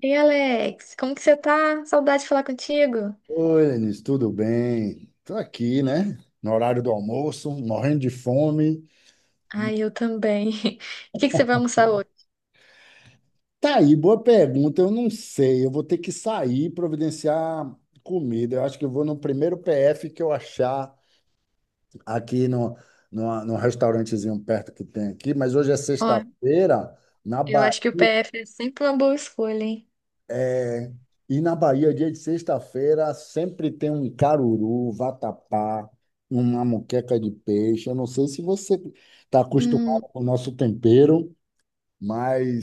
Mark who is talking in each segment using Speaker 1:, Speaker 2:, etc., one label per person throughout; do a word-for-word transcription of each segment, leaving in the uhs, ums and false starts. Speaker 1: Ei, Alex, como que você tá? Saudade de falar contigo.
Speaker 2: Oi, Lenis, tudo bem? Tô aqui, né? No horário do almoço, morrendo de fome.
Speaker 1: Ai, eu também. O que que você vai almoçar hoje?
Speaker 2: Tá aí, boa pergunta. Eu não sei. Eu vou ter que sair e providenciar comida. Eu acho que eu vou no primeiro P F que eu achar aqui no, no, num restaurantezinho perto que tem aqui. Mas hoje é
Speaker 1: Ó,
Speaker 2: sexta-feira, na
Speaker 1: eu
Speaker 2: Bahia.
Speaker 1: acho que o P F é sempre uma boa escolha, hein?
Speaker 2: E na Bahia, dia de sexta-feira, sempre tem um caruru, vatapá, uma moqueca de peixe. Eu não sei se você está acostumado
Speaker 1: Hum,
Speaker 2: com o nosso tempero,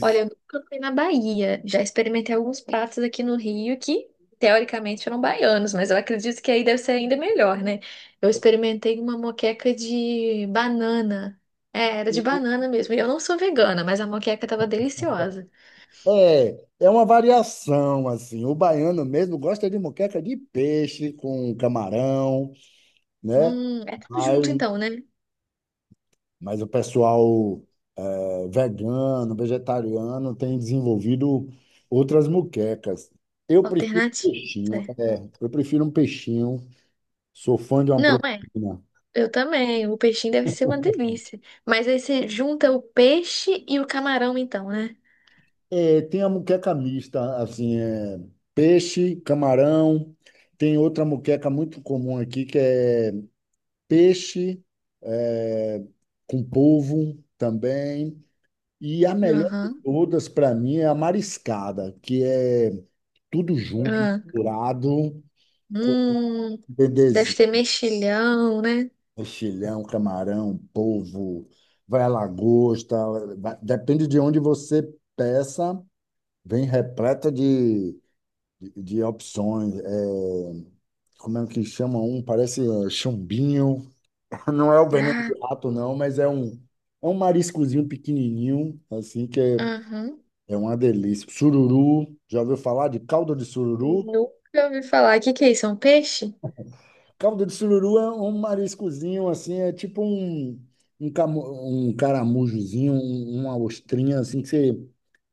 Speaker 1: olha, eu nunca fui na Bahia. Já experimentei alguns pratos aqui no Rio que, teoricamente, eram baianos, mas eu acredito que aí deve ser ainda melhor, né? Eu experimentei uma moqueca de banana. É, era de banana mesmo. E eu não sou vegana, mas a moqueca tava deliciosa.
Speaker 2: é, é uma variação, assim. O baiano mesmo gosta de moqueca de peixe com camarão, né?
Speaker 1: Hum, é tudo
Speaker 2: Mas
Speaker 1: junto então, né?
Speaker 2: Mas o pessoal eh, vegano, vegetariano tem desenvolvido outras muquecas. Eu prefiro
Speaker 1: Alternativa.
Speaker 2: um peixinho, é, eu prefiro um peixinho. Sou fã de uma
Speaker 1: Não, é.
Speaker 2: proteína.
Speaker 1: Eu também. O peixinho deve ser uma delícia. Mas aí você junta o peixe e o camarão, então, né?
Speaker 2: É, tem a muqueca mista, assim, é, peixe, camarão. Tem outra muqueca muito comum aqui que é peixe eh, com polvo também. E a melhor de
Speaker 1: Aham.
Speaker 2: todas para mim é a mariscada, que é tudo junto,
Speaker 1: Ah.
Speaker 2: misturado com
Speaker 1: Hum, deve
Speaker 2: bebezinho,
Speaker 1: ter mexilhão, né?
Speaker 2: mexilhão, camarão, polvo, vai a lagosta, vai- depende de onde você peça, vem repleta de, de, de opções. É, como é que chama um? Parece é, chumbinho. Não é o veneno de
Speaker 1: Ah,
Speaker 2: rato, não, mas é um, é um mariscozinho pequenininho, assim, que é,
Speaker 1: aham.
Speaker 2: é uma delícia. Sururu, já ouviu falar de caldo de sururu?
Speaker 1: Nunca ouvi falar. O que que é isso? É um peixe?
Speaker 2: Caldo de sururu é um mariscozinho assim, é tipo um, um, camu, um caramujozinho, um- uma ostrinha assim que você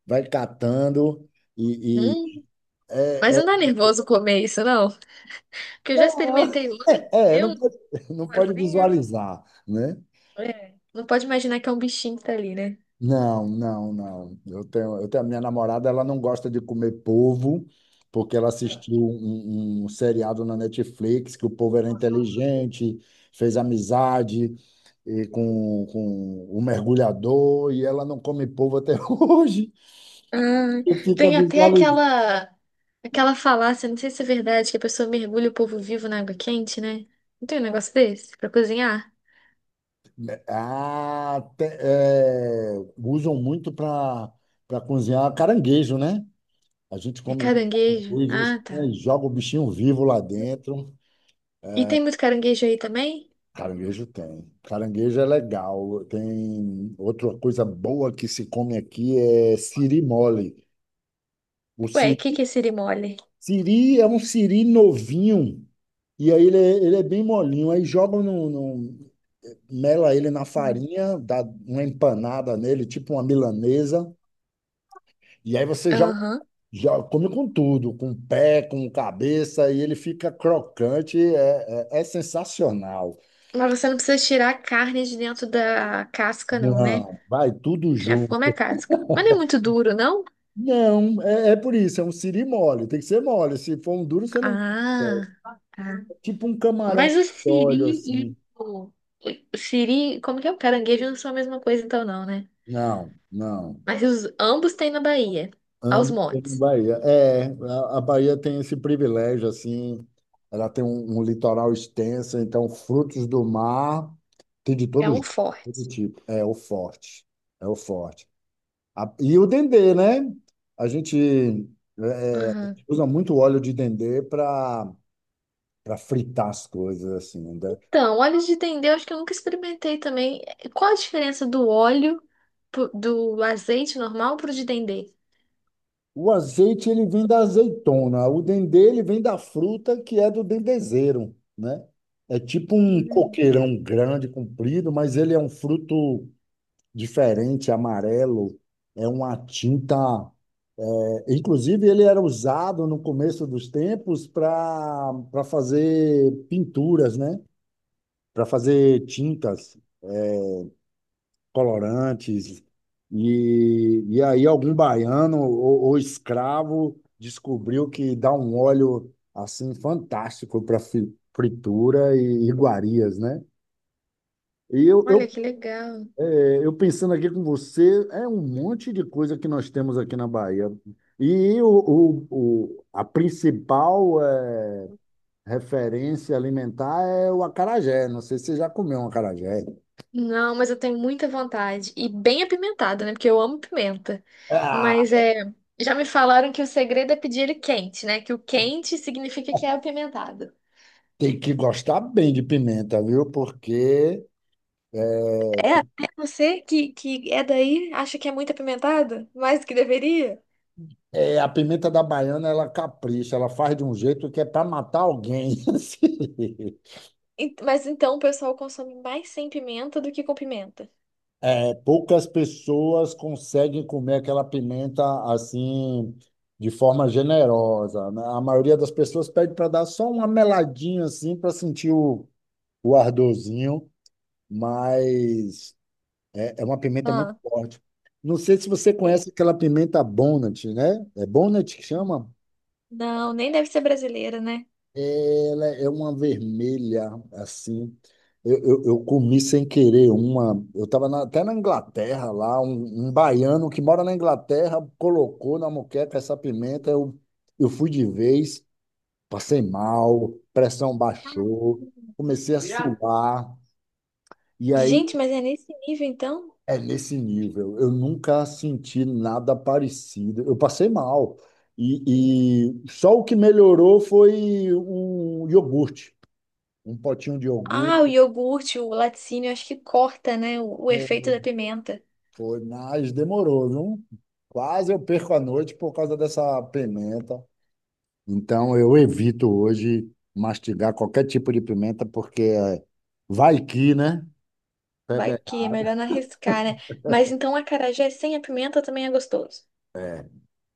Speaker 2: vai catando e, e-
Speaker 1: Hum, mas
Speaker 2: é, é,
Speaker 1: não dá nervoso comer isso, não? Porque eu já
Speaker 2: não.
Speaker 1: experimentei outro.
Speaker 2: é, é,
Speaker 1: Deu
Speaker 2: não
Speaker 1: um
Speaker 2: pode, não pode
Speaker 1: nervosinho.
Speaker 2: visualizar, né?
Speaker 1: É. Não pode imaginar que é um bichinho que tá ali, né?
Speaker 2: Não, não, não. Eu tenho, eu tenho, a minha namorada, ela não gosta de comer polvo, porque ela assistiu um, um um seriado na Netflix que o povo era inteligente, fez amizade e com, com o mergulhador, e ela não come polvo até hoje.
Speaker 1: Ah,
Speaker 2: Eu fico
Speaker 1: tem até
Speaker 2: visualizando.
Speaker 1: aquela aquela falácia, não sei se é verdade, que a pessoa mergulha o povo vivo na água quente, né? Não tem um negócio desse pra cozinhar?
Speaker 2: Ah, te- é, usam muito para para cozinhar caranguejo, né? A gente
Speaker 1: É
Speaker 2: come muito
Speaker 1: caranguejo.
Speaker 2: caranguejo,
Speaker 1: Ah, tá.
Speaker 2: assim, joga o bichinho vivo lá dentro.
Speaker 1: E tem muito caranguejo aí também?
Speaker 2: Caranguejo tem. Caranguejo é legal. Tem outra coisa boa que se come aqui é siri mole. O
Speaker 1: Ué, o que que
Speaker 2: siri,
Speaker 1: é sirimole?
Speaker 2: siri é um siri novinho e aí ele é, ele é bem molinho. Aí jogam no, no- mela ele na
Speaker 1: Hum.
Speaker 2: farinha, dá uma empanada nele, tipo uma milanesa. E aí você joga,
Speaker 1: Aham.
Speaker 2: joga- come com tudo, com pé, com cabeça e ele fica crocante. É, é, é sensacional.
Speaker 1: Mas você não precisa tirar a carne de dentro da casca, não, né?
Speaker 2: Não, vai tudo.
Speaker 1: Já come a casca. Mas não é muito duro, não?
Speaker 2: Não, é, é por isso, é um siri mole, tem que ser mole. Se for um duro, você não.
Speaker 1: Ah, tá.
Speaker 2: Tipo um camarão
Speaker 1: Mas o
Speaker 2: de óleo
Speaker 1: siri
Speaker 2: assim.
Speaker 1: e o... O Siri, como que é? O caranguejo não são a mesma coisa, então, não, né?
Speaker 2: Não, não.
Speaker 1: Mas os, ambos têm na Bahia, aos
Speaker 2: Ambos estão na
Speaker 1: montes.
Speaker 2: Bahia. É, a, a Bahia tem esse privilégio, assim, ela tem um, um litoral extenso, então frutos do mar tem de
Speaker 1: É
Speaker 2: todos,
Speaker 1: um
Speaker 2: todo
Speaker 1: forte.
Speaker 2: tipo. É o forte, é o forte. A- e o dendê, né? A gente é, é,
Speaker 1: Aham.
Speaker 2: usa muito óleo de dendê para para fritar as coisas, assim, né?
Speaker 1: Então, óleo de dendê, eu acho que eu nunca experimentei também. Qual a diferença do óleo, pro- do azeite normal pro de dendê?
Speaker 2: O azeite ele vem da azeitona, o dendê ele vem da fruta que é do dendezeiro, né? É tipo um
Speaker 1: Hum,
Speaker 2: coqueirão grande, comprido, mas ele é um fruto diferente, amarelo, é uma tinta. é, Inclusive, ele era usado no começo dos tempos para para fazer pinturas, né? Para fazer tintas, colorantes. E, e aí algum baiano ou, ou escravo descobriu que dá um óleo assim fantástico para fritura e iguarias, né? E eu,
Speaker 1: olha
Speaker 2: eu,
Speaker 1: que legal.
Speaker 2: é, eu pensando aqui com você, é um monte de coisa que nós temos aqui na Bahia. E o, o, o- a principal é, referência alimentar é o acarajé. Não sei se você já comeu um acarajé.
Speaker 1: Não, mas eu tenho muita vontade. E bem apimentado, né? Porque eu amo pimenta.
Speaker 2: Ah,
Speaker 1: Mas é, já me falaram que o segredo é pedir ele quente, né? Que o quente significa que é apimentado.
Speaker 2: tem que gostar bem de pimenta, viu? Porque
Speaker 1: É, até você que, que é daí acha que é muito apimentado? Mais do que deveria?
Speaker 2: É, a pimenta da baiana, ela capricha, ela faz de um jeito que é para matar alguém. Assim.
Speaker 1: Ent- Mas então o pessoal consome mais sem pimenta do que com pimenta.
Speaker 2: É, poucas pessoas conseguem comer aquela pimenta assim, de forma generosa, né? A maioria das pessoas pede para dar só uma meladinha assim, para sentir o, o ardorzinho, mas é, é uma pimenta muito
Speaker 1: Ah,
Speaker 2: forte. Não sei se você
Speaker 1: é.
Speaker 2: conhece aquela pimenta Bonnet, né? É Bonnet que chama?
Speaker 1: Não, nem deve ser brasileira, né?
Speaker 2: Ela é uma vermelha, assim. Eu, eu, eu comi sem querer uma. Eu estava até na Inglaterra lá, um, um baiano que mora na Inglaterra colocou na moqueca essa pimenta. Eu, eu fui de vez, passei mal, pressão baixou, comecei a
Speaker 1: Yeah.
Speaker 2: suar. E aí
Speaker 1: Gente, mas é nesse nível então?
Speaker 2: é nesse nível. Eu nunca senti nada parecido. Eu passei mal. E, e só o que melhorou foi um iogurte, um potinho de
Speaker 1: Ah, o
Speaker 2: iogurte.
Speaker 1: iogurte, o laticínio, acho que corta, né? O, o
Speaker 2: É,
Speaker 1: efeito da pimenta.
Speaker 2: foi, mas demorou, viu? Quase eu perco a noite por causa dessa pimenta. Então eu evito hoje mastigar qualquer tipo de pimenta, porque é, vai que, né?
Speaker 1: Vai
Speaker 2: Pebe-
Speaker 1: que é melhor não arriscar, né? Mas então a acarajé sem a pimenta também é gostoso.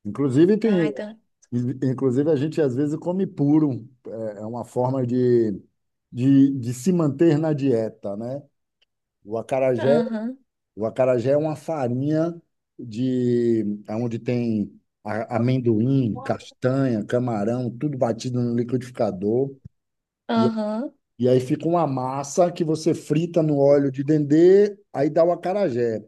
Speaker 2: Inclusive,
Speaker 1: Ah,
Speaker 2: tem,
Speaker 1: então.
Speaker 2: inclusive a gente às vezes come puro. É é uma forma de, de, de se manter na dieta, né? O acarajé
Speaker 1: Aham,
Speaker 2: O acarajé é uma farinha de onde tem a- amendoim, castanha, camarão, tudo batido no liquidificador. E,
Speaker 1: aham.
Speaker 2: e aí fica uma massa que você frita no óleo de dendê, aí dá o acarajé.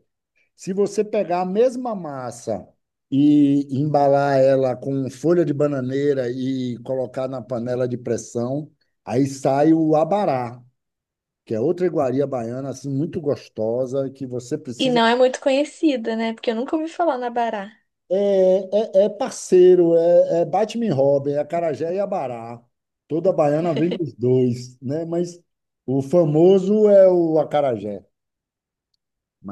Speaker 2: Se você pegar a mesma massa e embalar ela com folha de bananeira e colocar na panela de pressão, aí sai o abará, que é outra iguaria baiana assim muito gostosa que você
Speaker 1: E
Speaker 2: precisa.
Speaker 1: não é muito conhecida, né? Porque eu nunca ouvi falar na Bará.
Speaker 2: É, é, é parceiro, é, é Batman e Robin, é Acarajé e Abará. Toda baiana vem dos dois, né? Mas o famoso é o acarajé.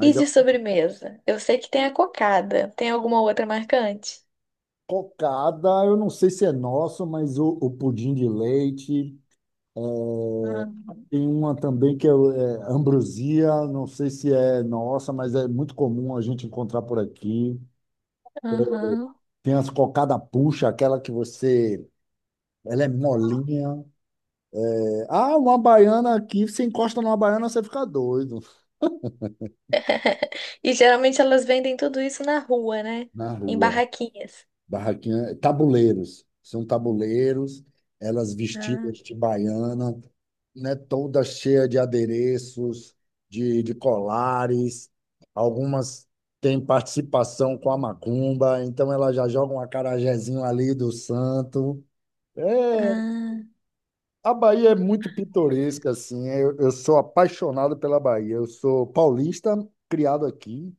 Speaker 1: E
Speaker 2: é
Speaker 1: de
Speaker 2: uma
Speaker 1: sobremesa? Eu sei que tem a cocada. Tem alguma outra marcante?
Speaker 2: cocada, eu não sei se é nosso, mas o, o pudim de leite. Tem uma também que é, o- é ambrosia, não sei se é nossa, mas é muito comum a gente encontrar por aqui.
Speaker 1: Aham.
Speaker 2: Tem as cocada puxa, aquela que você... Ela é molinha. É, Ah, uma baiana aqui, você encosta numa baiana, você fica doido.
Speaker 1: E geralmente elas vendem tudo isso na rua, né?
Speaker 2: Na
Speaker 1: Em
Speaker 2: rua.
Speaker 1: barraquinhas.
Speaker 2: Barraquinha, tabuleiros. São tabuleiros, elas
Speaker 1: Ah,
Speaker 2: vestidas de baiana, né, toda cheia de adereços, de, de colares. Algumas têm participação com a macumba, então elas já jogam um acarajézinho ali do santo. É,
Speaker 1: ah.
Speaker 2: a Bahia é muito pitoresca, assim. Eu, eu sou apaixonado pela Bahia. Eu sou paulista, criado aqui.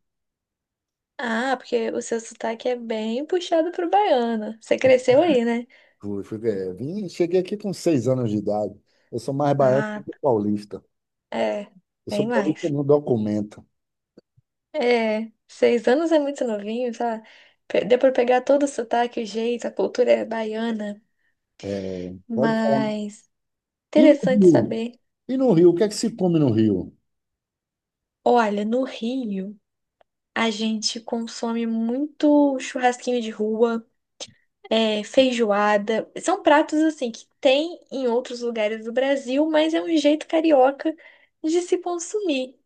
Speaker 1: Ah, porque o seu sotaque é bem puxado pro baiano. Você cresceu aí, né?
Speaker 2: Fui, fui, é, vim, cheguei aqui com seis anos de idade. Eu sou mais baiano
Speaker 1: Ah,
Speaker 2: do que paulista.
Speaker 1: é,
Speaker 2: Eu sou
Speaker 1: bem
Speaker 2: paulista,
Speaker 1: mais.
Speaker 2: não documenta.
Speaker 1: É, seis anos é muito novinho, tá? Pe- Deu pra pegar todo o sotaque, o jeito, a cultura é baiana.
Speaker 2: Pode falar.
Speaker 1: Mas
Speaker 2: E no
Speaker 1: interessante
Speaker 2: Rio?
Speaker 1: saber.
Speaker 2: E no Rio? O que é que se come no Rio?
Speaker 1: Olha, no Rio, a gente consome muito churrasquinho de rua. É, feijoada. São pratos assim que tem em outros lugares do Brasil, mas é um jeito carioca de se consumir.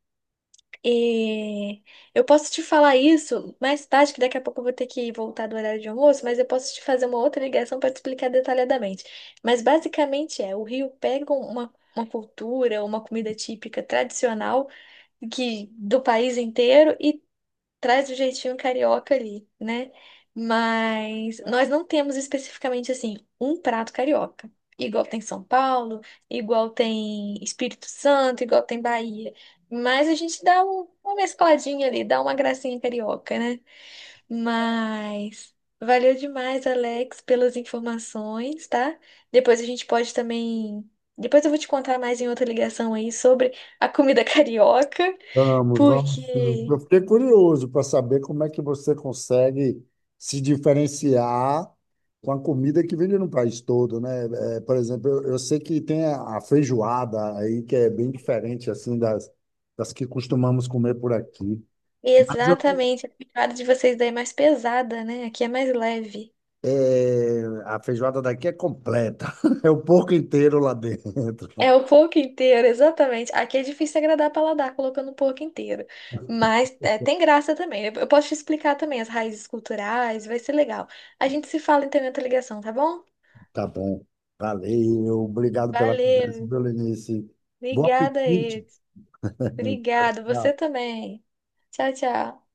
Speaker 1: E eu posso te falar isso mais tarde, que daqui a pouco eu vou ter que voltar do horário de almoço, mas eu posso te fazer uma outra ligação para te explicar detalhadamente. Mas basicamente é, o Rio pega uma, uma cultura, uma comida típica tradicional que do país inteiro e traz o jeitinho carioca ali, né? Mas nós não temos especificamente assim um prato carioca. Igual tem São Paulo, igual tem Espírito Santo, igual tem Bahia. Mas a gente dá um- uma mescladinha ali, dá uma gracinha carioca, né? Mas valeu demais, Alex, pelas informações, tá? Depois a gente pode também. Depois eu vou te contar mais em outra ligação aí sobre a comida carioca,
Speaker 2: Vamos, vamos. Sim.
Speaker 1: porque
Speaker 2: Eu fiquei curioso para saber como é que você consegue se diferenciar com a comida que vende no país todo, né? É, por exemplo, eu, eu sei que tem a, a feijoada aí, que é bem diferente assim das, das que costumamos comer por aqui. Mas eu
Speaker 1: Exatamente, a pegada de vocês daí é mais pesada, né? Aqui é mais leve.
Speaker 2: É, a feijoada daqui é completa. É o porco inteiro lá dentro.
Speaker 1: É o porco inteiro, exatamente. Aqui é difícil agradar paladar colocando o porco inteiro. Mas é, tem graça também. Eu eu posso te explicar também as raízes culturais, vai ser legal. A gente se fala então em outra ligação, tá bom?
Speaker 2: Tá bom. Valeu. Obrigado pela conversa,
Speaker 1: Valeu.
Speaker 2: viu, Lenice. Bom
Speaker 1: Obrigada,
Speaker 2: apetite.
Speaker 1: Ed. Obrigado, você também. Tchau, tchau.